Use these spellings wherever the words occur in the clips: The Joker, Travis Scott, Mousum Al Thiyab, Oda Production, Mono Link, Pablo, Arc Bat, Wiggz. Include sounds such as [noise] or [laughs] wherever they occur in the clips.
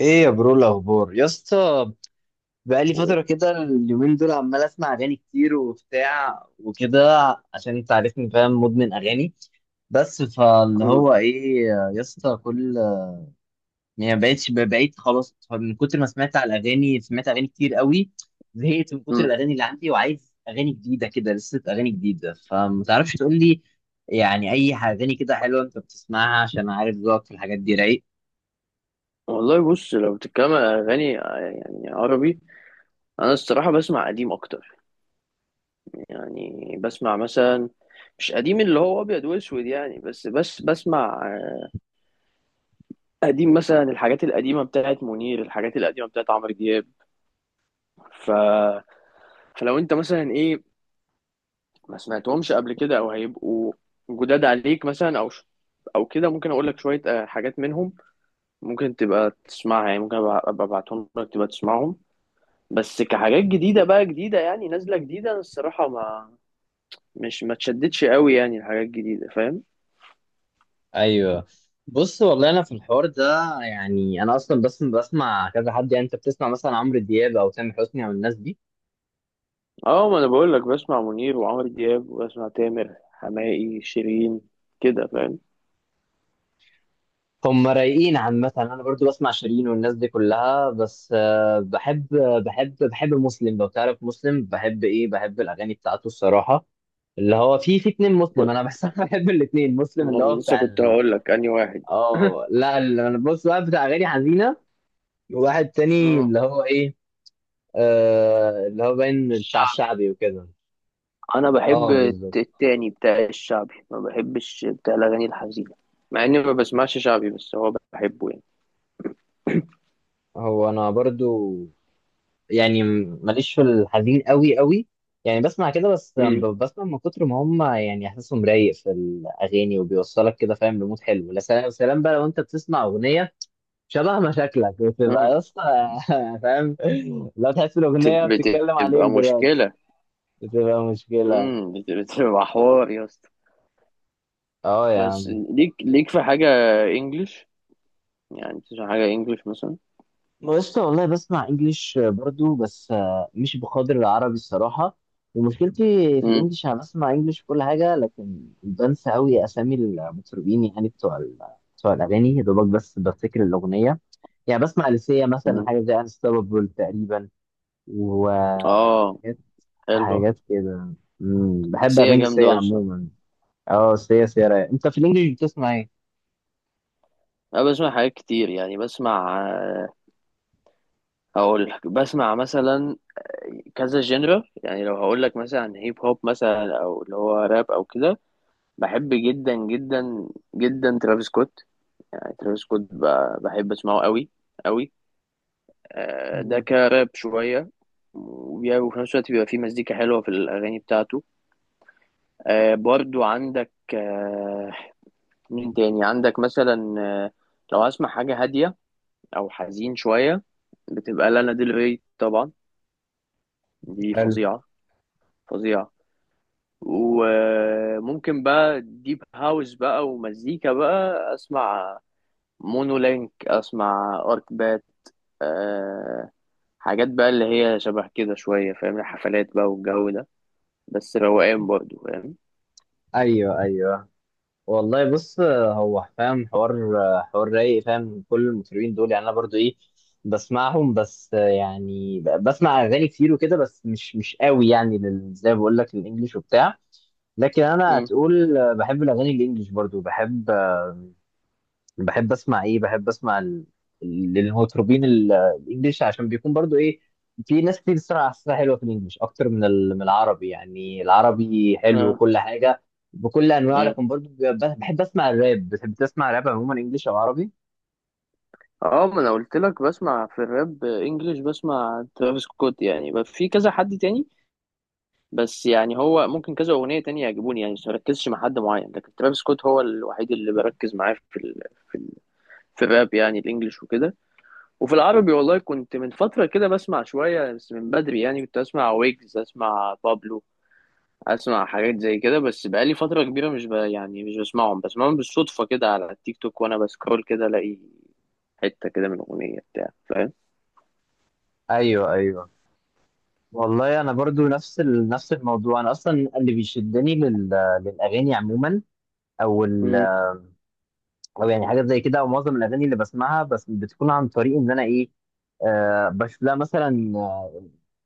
ايه يا برو الاخبار يا اسطى؟ بقالي فتره كده اليومين دول عمال اسمع اغاني كتير وبتاع وكده، عشان انت عارفني فاهم، مدمن اغاني. بس فاللي مم. هو ايه يا اسطى، كل بقيت خلاص من كتر ما سمعت على الاغاني، سمعت اغاني كتير قوي، زهقت من كتر مم. الاغاني اللي عندي، وعايز اغاني جديده كده لسه، اغاني جديده. فما تعرفش تقول لي يعني اي اغاني كده حلوه انت بتسمعها؟ عشان عارف ذوقك في الحاجات دي رايق. والله بص، لو بتتكلم على أغاني يعني عربي، أنا الصراحة بسمع قديم أكتر. يعني بسمع مثلا مش قديم اللي هو أبيض وأسود يعني بس بسمع قديم، مثلا الحاجات القديمة بتاعت منير، الحاجات القديمة بتاعت عمرو دياب. ف... فلو أنت مثلا إيه ما سمعتهمش قبل كده أو هيبقوا جداد عليك مثلا أو كده، ممكن أقول لك شوية حاجات منهم ممكن تبقى تسمعها. يعني ممكن أبقى أبعتهم لك تبقى تسمعهم، بس كحاجات جديدة بقى جديدة، يعني نازلة جديدة. أنا الصراحة ما مش ما تشددش قوي يعني الحاجات الجديدة، فاهم. ايوه. بص والله انا في الحوار ده، يعني انا اصلا بس بسمع كذا حد. يعني انت بتسمع مثلا عمرو دياب او تامر حسني او الناس دي، اه ما انا بقول لك بسمع منير وعمرو دياب وبسمع تامر حماقي شيرين كده، فاهم. هم رايقين عامه. انا برضو بسمع شيرين والناس دي كلها، بس بحب بحب مسلم. لو تعرف مسلم، بحب ايه، بحب الاغاني بتاعته الصراحه. اللي هو في اتنين و- مسلم انا بس، [laughs] أنا بحب الاتنين ما مسلم. هو اللي هو لسه بتاع كنت هقول لك انهي واحد. [laughs] اه لا، انا بص بقى بتاع اغاني حزينه، وواحد تاني اه اللي هو ايه، آه اللي هو باين بتاع الشعبي. الشعبي وكده. انا بحب اه بالظبط. التاني بتاع الشعبي، ما بحبش بتاع الاغاني الحزينة. مع اني ما بسمعش شعبي بس هو بحبه يعني. هو انا برضو يعني ماليش في الحزين قوي قوي، يعني بسمع كده بس، مم. بسمع من كتر ما هم يعني احساسهم رايق في الاغاني وبيوصلك كده، فاهم؟ لمود حلو. لا سلام سلام بقى، لو انت بتسمع اغنيه شبه مشاكلك، بتبقى مم. يا اسطى، [laughs] فاهم؟ لو تحس الاغنيه بتتكلم عليك بتبقى دلوقتي، مشكلة. بتبقى مشكله. بتبقى حوار يا اسطى. اه يا بس عم. ليك في حاجة انجلش، يعني تسمع حاجة انجلش مثلا؟ بص، والله بسمع انجليش برضو، بس مش بقدر العربي الصراحة. ومشكلتي في مم. الانجليش، انا بسمع انجليش في كل حاجة، لكن بنسى قوي اسامي المطربين، يعني بتوع الاغاني. يا دوبك بس بفتكر الاغنية. يعني بسمع لسيا مثلا، مم. حاجة زي انستوبابل تقريبا، اه وحاجات حلو. حاجات كده. مم، بحب سيا اغاني سيا جامدة اصلا. عموما. اه سيا، سيا رايقة. انت في الانجليش بتسمع ايه؟ انا بسمع حاجات كتير، يعني بسمع هقول لك بسمع مثلا كذا جنرا. يعني لو هقول لك مثلا هيب هوب، مثلا او اللي هو راب او كده، بحب جدا جدا جدا ترافيس سكوت. يعني ترافيس سكوت بحب اسمعه قوي قوي. ده مم. كراب شوية. وفي نفس الوقت بيبقى فيه مزيكا حلوة في الأغاني بتاعته. برضو عندك، مين تاني عندك مثلا، لو هسمع حاجة هادية أو حزين شوية، بتبقى لانا ديل ري طبعا. دي حلو. فظيعة فظيعة. وممكن بقى ديب هاوس بقى ومزيكا بقى أسمع، مونو لينك أسمع، أرك بات. آه حاجات بقى اللي هي شبه كده شوية، فاهم، الحفلات بقى والجو ده. بس روقان برضو، فاهم. ايوه ايوه. والله بص، هو فاهم حوار، حوار رايق. فاهم كل المطربين دول، يعني انا برضو ايه، بسمعهم، بس يعني بسمع اغاني كتير وكده، بس مش قوي يعني، زي ما بقول لك، الانجليش وبتاع. لكن انا مم. هتقول بحب الاغاني الانجليش برضو، بحب بحب اسمع ايه، بحب اسمع للمطربين الانجليش، عشان بيكون برضو ايه، في ناس كتير بتسمع اسمها حلوه في الانجليش اكتر من من العربي. يعني العربي حلو وكل حاجه بكل انواعه، آه. لكن برضو بحب اسمع الراب. بتحب تسمع راب عموما، انجليش او عربي؟ اه ما انا قلت لك بسمع في الراب انجلش، بسمع ترافيس سكوت يعني. بس في كذا حد تاني، بس يعني هو ممكن كذا اغنيه تانية يعجبوني. يعني مش مركزش مع حد معين، لكن ترافيس سكوت هو الوحيد اللي بركز معاه في ال... في الراب، يعني الانجليش وكده. وفي العربي، والله كنت من فتره كده بسمع شويه، بس من بدري، يعني كنت اسمع ويجز، اسمع بابلو، اسمع حاجات زي كده. بس بقالي فتره كبيره مش ب... يعني مش بسمعهم بالصدفه كده على التيك توك، وانا بسكرول كده الاقي حته كده من اغنيه بتاع، فاهم. ايوه ايوه. والله انا برضو نفس نفس الموضوع. انا اصلا اللي بيشدني للاغاني عموما، او ال... او يعني حاجات زي كده، ومعظم الاغاني اللي بسمعها بس بتكون عن طريق ان انا ايه، بشوف لها مثلا،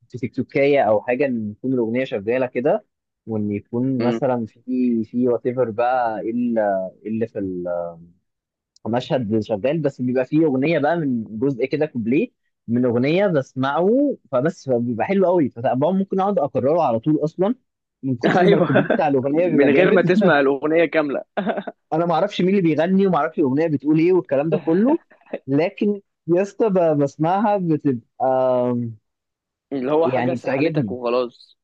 في تيك توكية او حاجه، ان تكون الاغنيه شغاله كده، وان يكون مم. مثلا في وات ايفر بقى، إيه اللي إيه اللي في المشهد شغال، بس بيبقى فيه اغنيه بقى من جزء كده، كوبليه من اغنيه بسمعه، فبس بيبقى حلو قوي، فطبعا ممكن اقعد اكرره على طول اصلا من [laughs] كتر ما ايوه، الكوبليه بتاع الاغنيه من بيبقى غير ما جامد. [laughs] تسمع الاغنيه كامله، انا ما اعرفش مين اللي بيغني، وما اعرفش الاغنيه بتقول ايه والكلام ده كله، لكن يا اسطى، بسمعها بتبقى اللي هو حاجه يعني سحلتك بتعجبني. وخلاص.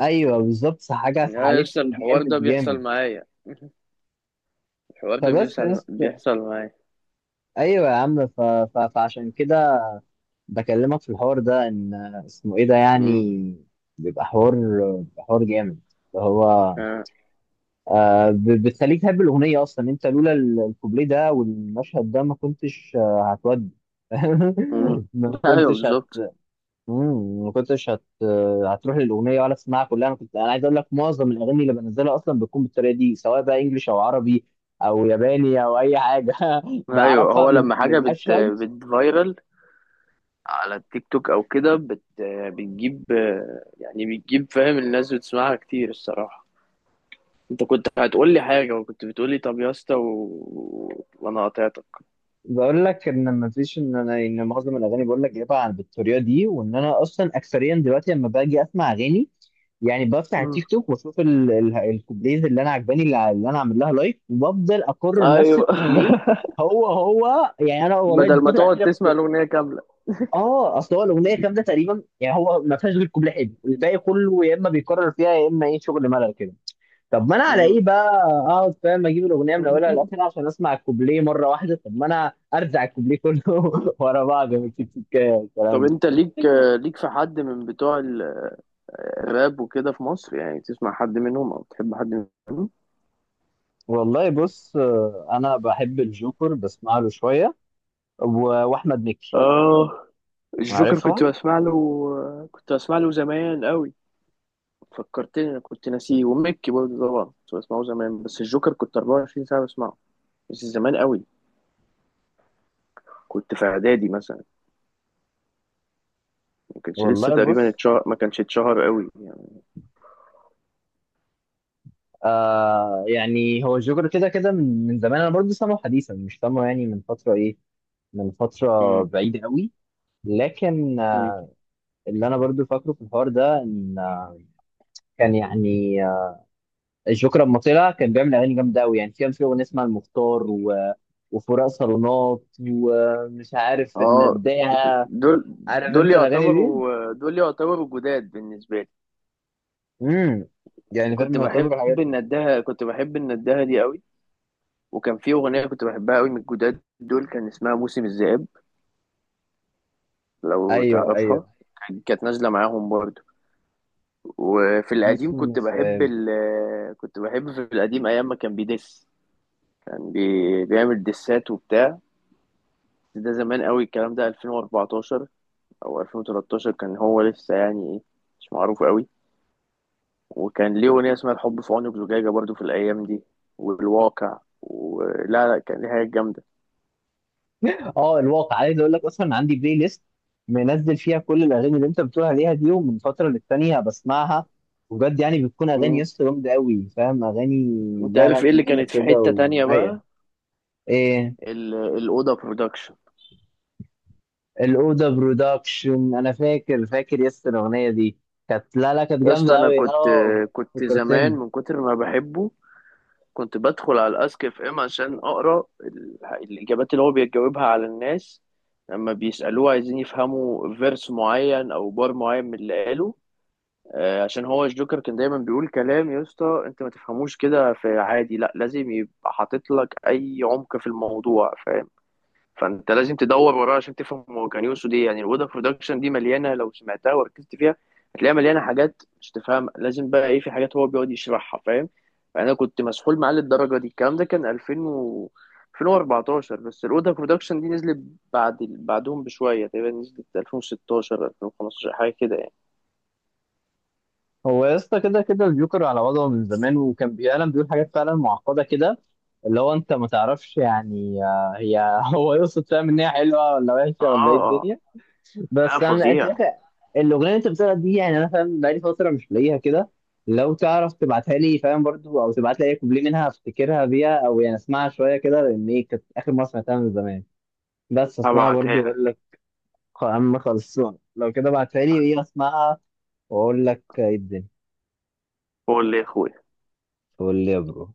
ايوه بالظبط، حاجه يا لسه سحلتني الحوار جامد ده بيحصل جامد. معايا. [laughs] الحوار ده فبس يا بيحصل اسطى، بيحصل معايا. ايوه يا عم، ف... ف... فعشان كده بكلمك في الحوار ده. ان اسمه ايه ده يعني، مم. بيبقى حوار، بيبقى حوار جامد، اللي هو آه. آه، بتخليك تحب الاغنيه اصلا. انت لولا الكوبليه ده والمشهد ده، ما كنتش هتودي، مم. [laughs] ما [laughs] ايوه كنتش، بالظبط. ما كنتش هتروح للاغنيه ولا تسمعها كلها. انا كنت، انا عايز اقول لك معظم الاغاني اللي بنزلها اصلا بتكون بالطريقه دي، سواء بقى انجليش او عربي او ياباني او اي حاجه. [laughs] ايوه بعرفها هو من لما حاجه مشهد. بتفايرل على التيك توك او كده، بتجيب، يعني بتجيب، فاهم، الناس بتسمعها كتير الصراحه. انت كنت هتقول لي حاجه، وكنت بتقول لي طب يا اسطى، وانا قاطعتك. بقول لك ان ما فيش، ان انا ان معظم الاغاني بقول لك جايبها بالطريقه دي، وان انا اصلا اكثريا دلوقتي لما باجي اسمع اغاني، يعني بفتح مم. التيك توك واشوف الكوبليز اللي انا عجباني، اللي انا عامل لها لايك، وبفضل اكرر نفس ايوه. الكوبليه. [laughs] هو يعني انا والله بدل ما الفتره تقعد الاخيره. تسمع الأغنية كاملة. اه اصل هو الاغنيه كامله تقريبا، يعني هو ما فيهاش غير كوبليه حلو، الباقي كله يا اما بيكرر فيها، يا اما ايه، شغل ملل كده. طب ما انا [laughs] على مم. ايه بقى اقعد فاهم اجيب الاغنيه من اولها لاخرها عشان اسمع الكوبليه مره واحده؟ طب ما انا ارزع الكوبليه كله [laughs] ورا بعض من تيك تيك، طب الكلام ده. أنت ليك في حد من بتوع الراب وكده في مصر، يعني تسمع حد منهم أو تحب حد منهم؟ والله بص، انا بحب الجوكر، بسمع له شويه، واحمد مكي. آه الجوكر، عارفهم. كنت بسمع له زمان قوي. فكرتني، أنا كنت ناسيه. وميكي برضه طبعا كنت بسمعه زمان، بس الجوكر كنت 24 ساعة بسمعه. بس زمان قوي، كنت في إعدادي مثلا، ما كانش لسه والله تقريبا بص، اتشهر، ما كانش اتشهر قوي يعني. آه يعني هو الجوكر كده كده من زمان، انا برضه سامعه حديثا، مش سامعه يعني من فتره ايه، من فتره بعيده قوي. لكن مم. آه، اللي انا برضو فاكره في الحوار ده، ان آه، كان يعني آه، الجوكر لما طلع كان بيعمل اغاني جامده قوي. يعني في، كان في اغنيه اسمها المختار وفراق صالونات، ومش عارف اه النداهه. دول عارف دول انت الاغاني دي؟ يعتبروا دول يعتبروا جداد بالنسبه لي. امم. يعني فاهم، يعتبر الحاجات. كنت بحب الندهه دي قوي. وكان في اغنيه كنت بحبها قوي من الجداد دول، كان اسمها موسم الذئاب، لو ايوه تعرفها. ايوه. كانت نازله معاهم برضو. وفي نص. القديم كنت بحب كنت بحب في القديم، ايام ما كان بيدس، بيعمل دسات وبتاع. ده زمان قوي الكلام ده، 2014 او 2013، كان هو لسه يعني ايه، مش معروف قوي. وكان ليه أغنية اسمها الحب في عينك زجاجة، برضو في الأيام دي. والواقع، ولا لا كان ليها حاجات جامدة. اه، الواقع عايز اقول لك اصلا عندي بلاي ليست منزل فيها كل الاغاني اللي انت بتقول عليها دي، ومن فتره للتانيه بسمعها، وبجد يعني بتكون اغاني يا مم. اسطى جامده قوي. فاهم اغاني؟ أنت لا لا، عارف إيه اللي تقيله كانت في كده حتة تانية ورايقه. بقى؟ ايه؟ الأوضة برودكشن. الاوضه برودكشن، انا فاكر فاكر يا اسطى الاغنيه دي، كانت لا لا كانت يا اسطى جامده أنا قوي. اه، كنت زمان فكرتني. من كتر ما بحبه، كنت بدخل على الأسك اف ام عشان أقرأ الإجابات اللي هو بيجاوبها على الناس لما بيسألوه عايزين يفهموا فيرس معين أو بار معين من اللي قاله. عشان هو الجوكر كان دايما بيقول كلام يا اسطى انت ما تفهموش كده في عادي، لا لازم يبقى حاطط لك اي عمق في الموضوع، فاهم. فانت لازم تدور وراه عشان تفهم هو كان يقصد ايه. يعني الودا برودكشن دي مليانه، لو سمعتها وركزت فيها هتلاقيها مليانه حاجات مش تفهم، لازم بقى ايه، في حاجات هو بيقعد يشرحها، فاهم. فانا كنت مسحول معاه للدرجه دي. الكلام ده كان 2000 و 2014، بس الودا برودكشن دي نزلت بعد بعدهم بشويه، تقريبا نزلت 2016 2015 حاجه كده يعني. هو يا اسطى، كده كده الجوكر على وضعه من زمان، وكان بيعلم بيقول حاجات فعلا معقدة كده، اللي هو انت ما تعرفش يعني آه، هي [laughs] هو يقصد، فاهم، ان هي حلوة ولا وحشة ولا ايه اه الدنيا. لا بس انا، انت فظيع. عارف الاغنية اللي انت بتقولها دي، يعني انا فاهم بقالي فترة مش لاقيها كده. لو تعرف تبعتها لي فاهم، برضو او تبعت لي اي كوبليه منها افتكرها بيها، او يعني اسمعها شوية كده، لان ايه، كانت اخر مرة سمعتها من زمان. بس اسمعها هبعتها برضو لك. واقول لك اما خلصان. لو كده بعتها لي، ايه، اسمعها واقول لك ايه الدنيا. قول لي يا اخويا. قول لي يا برو.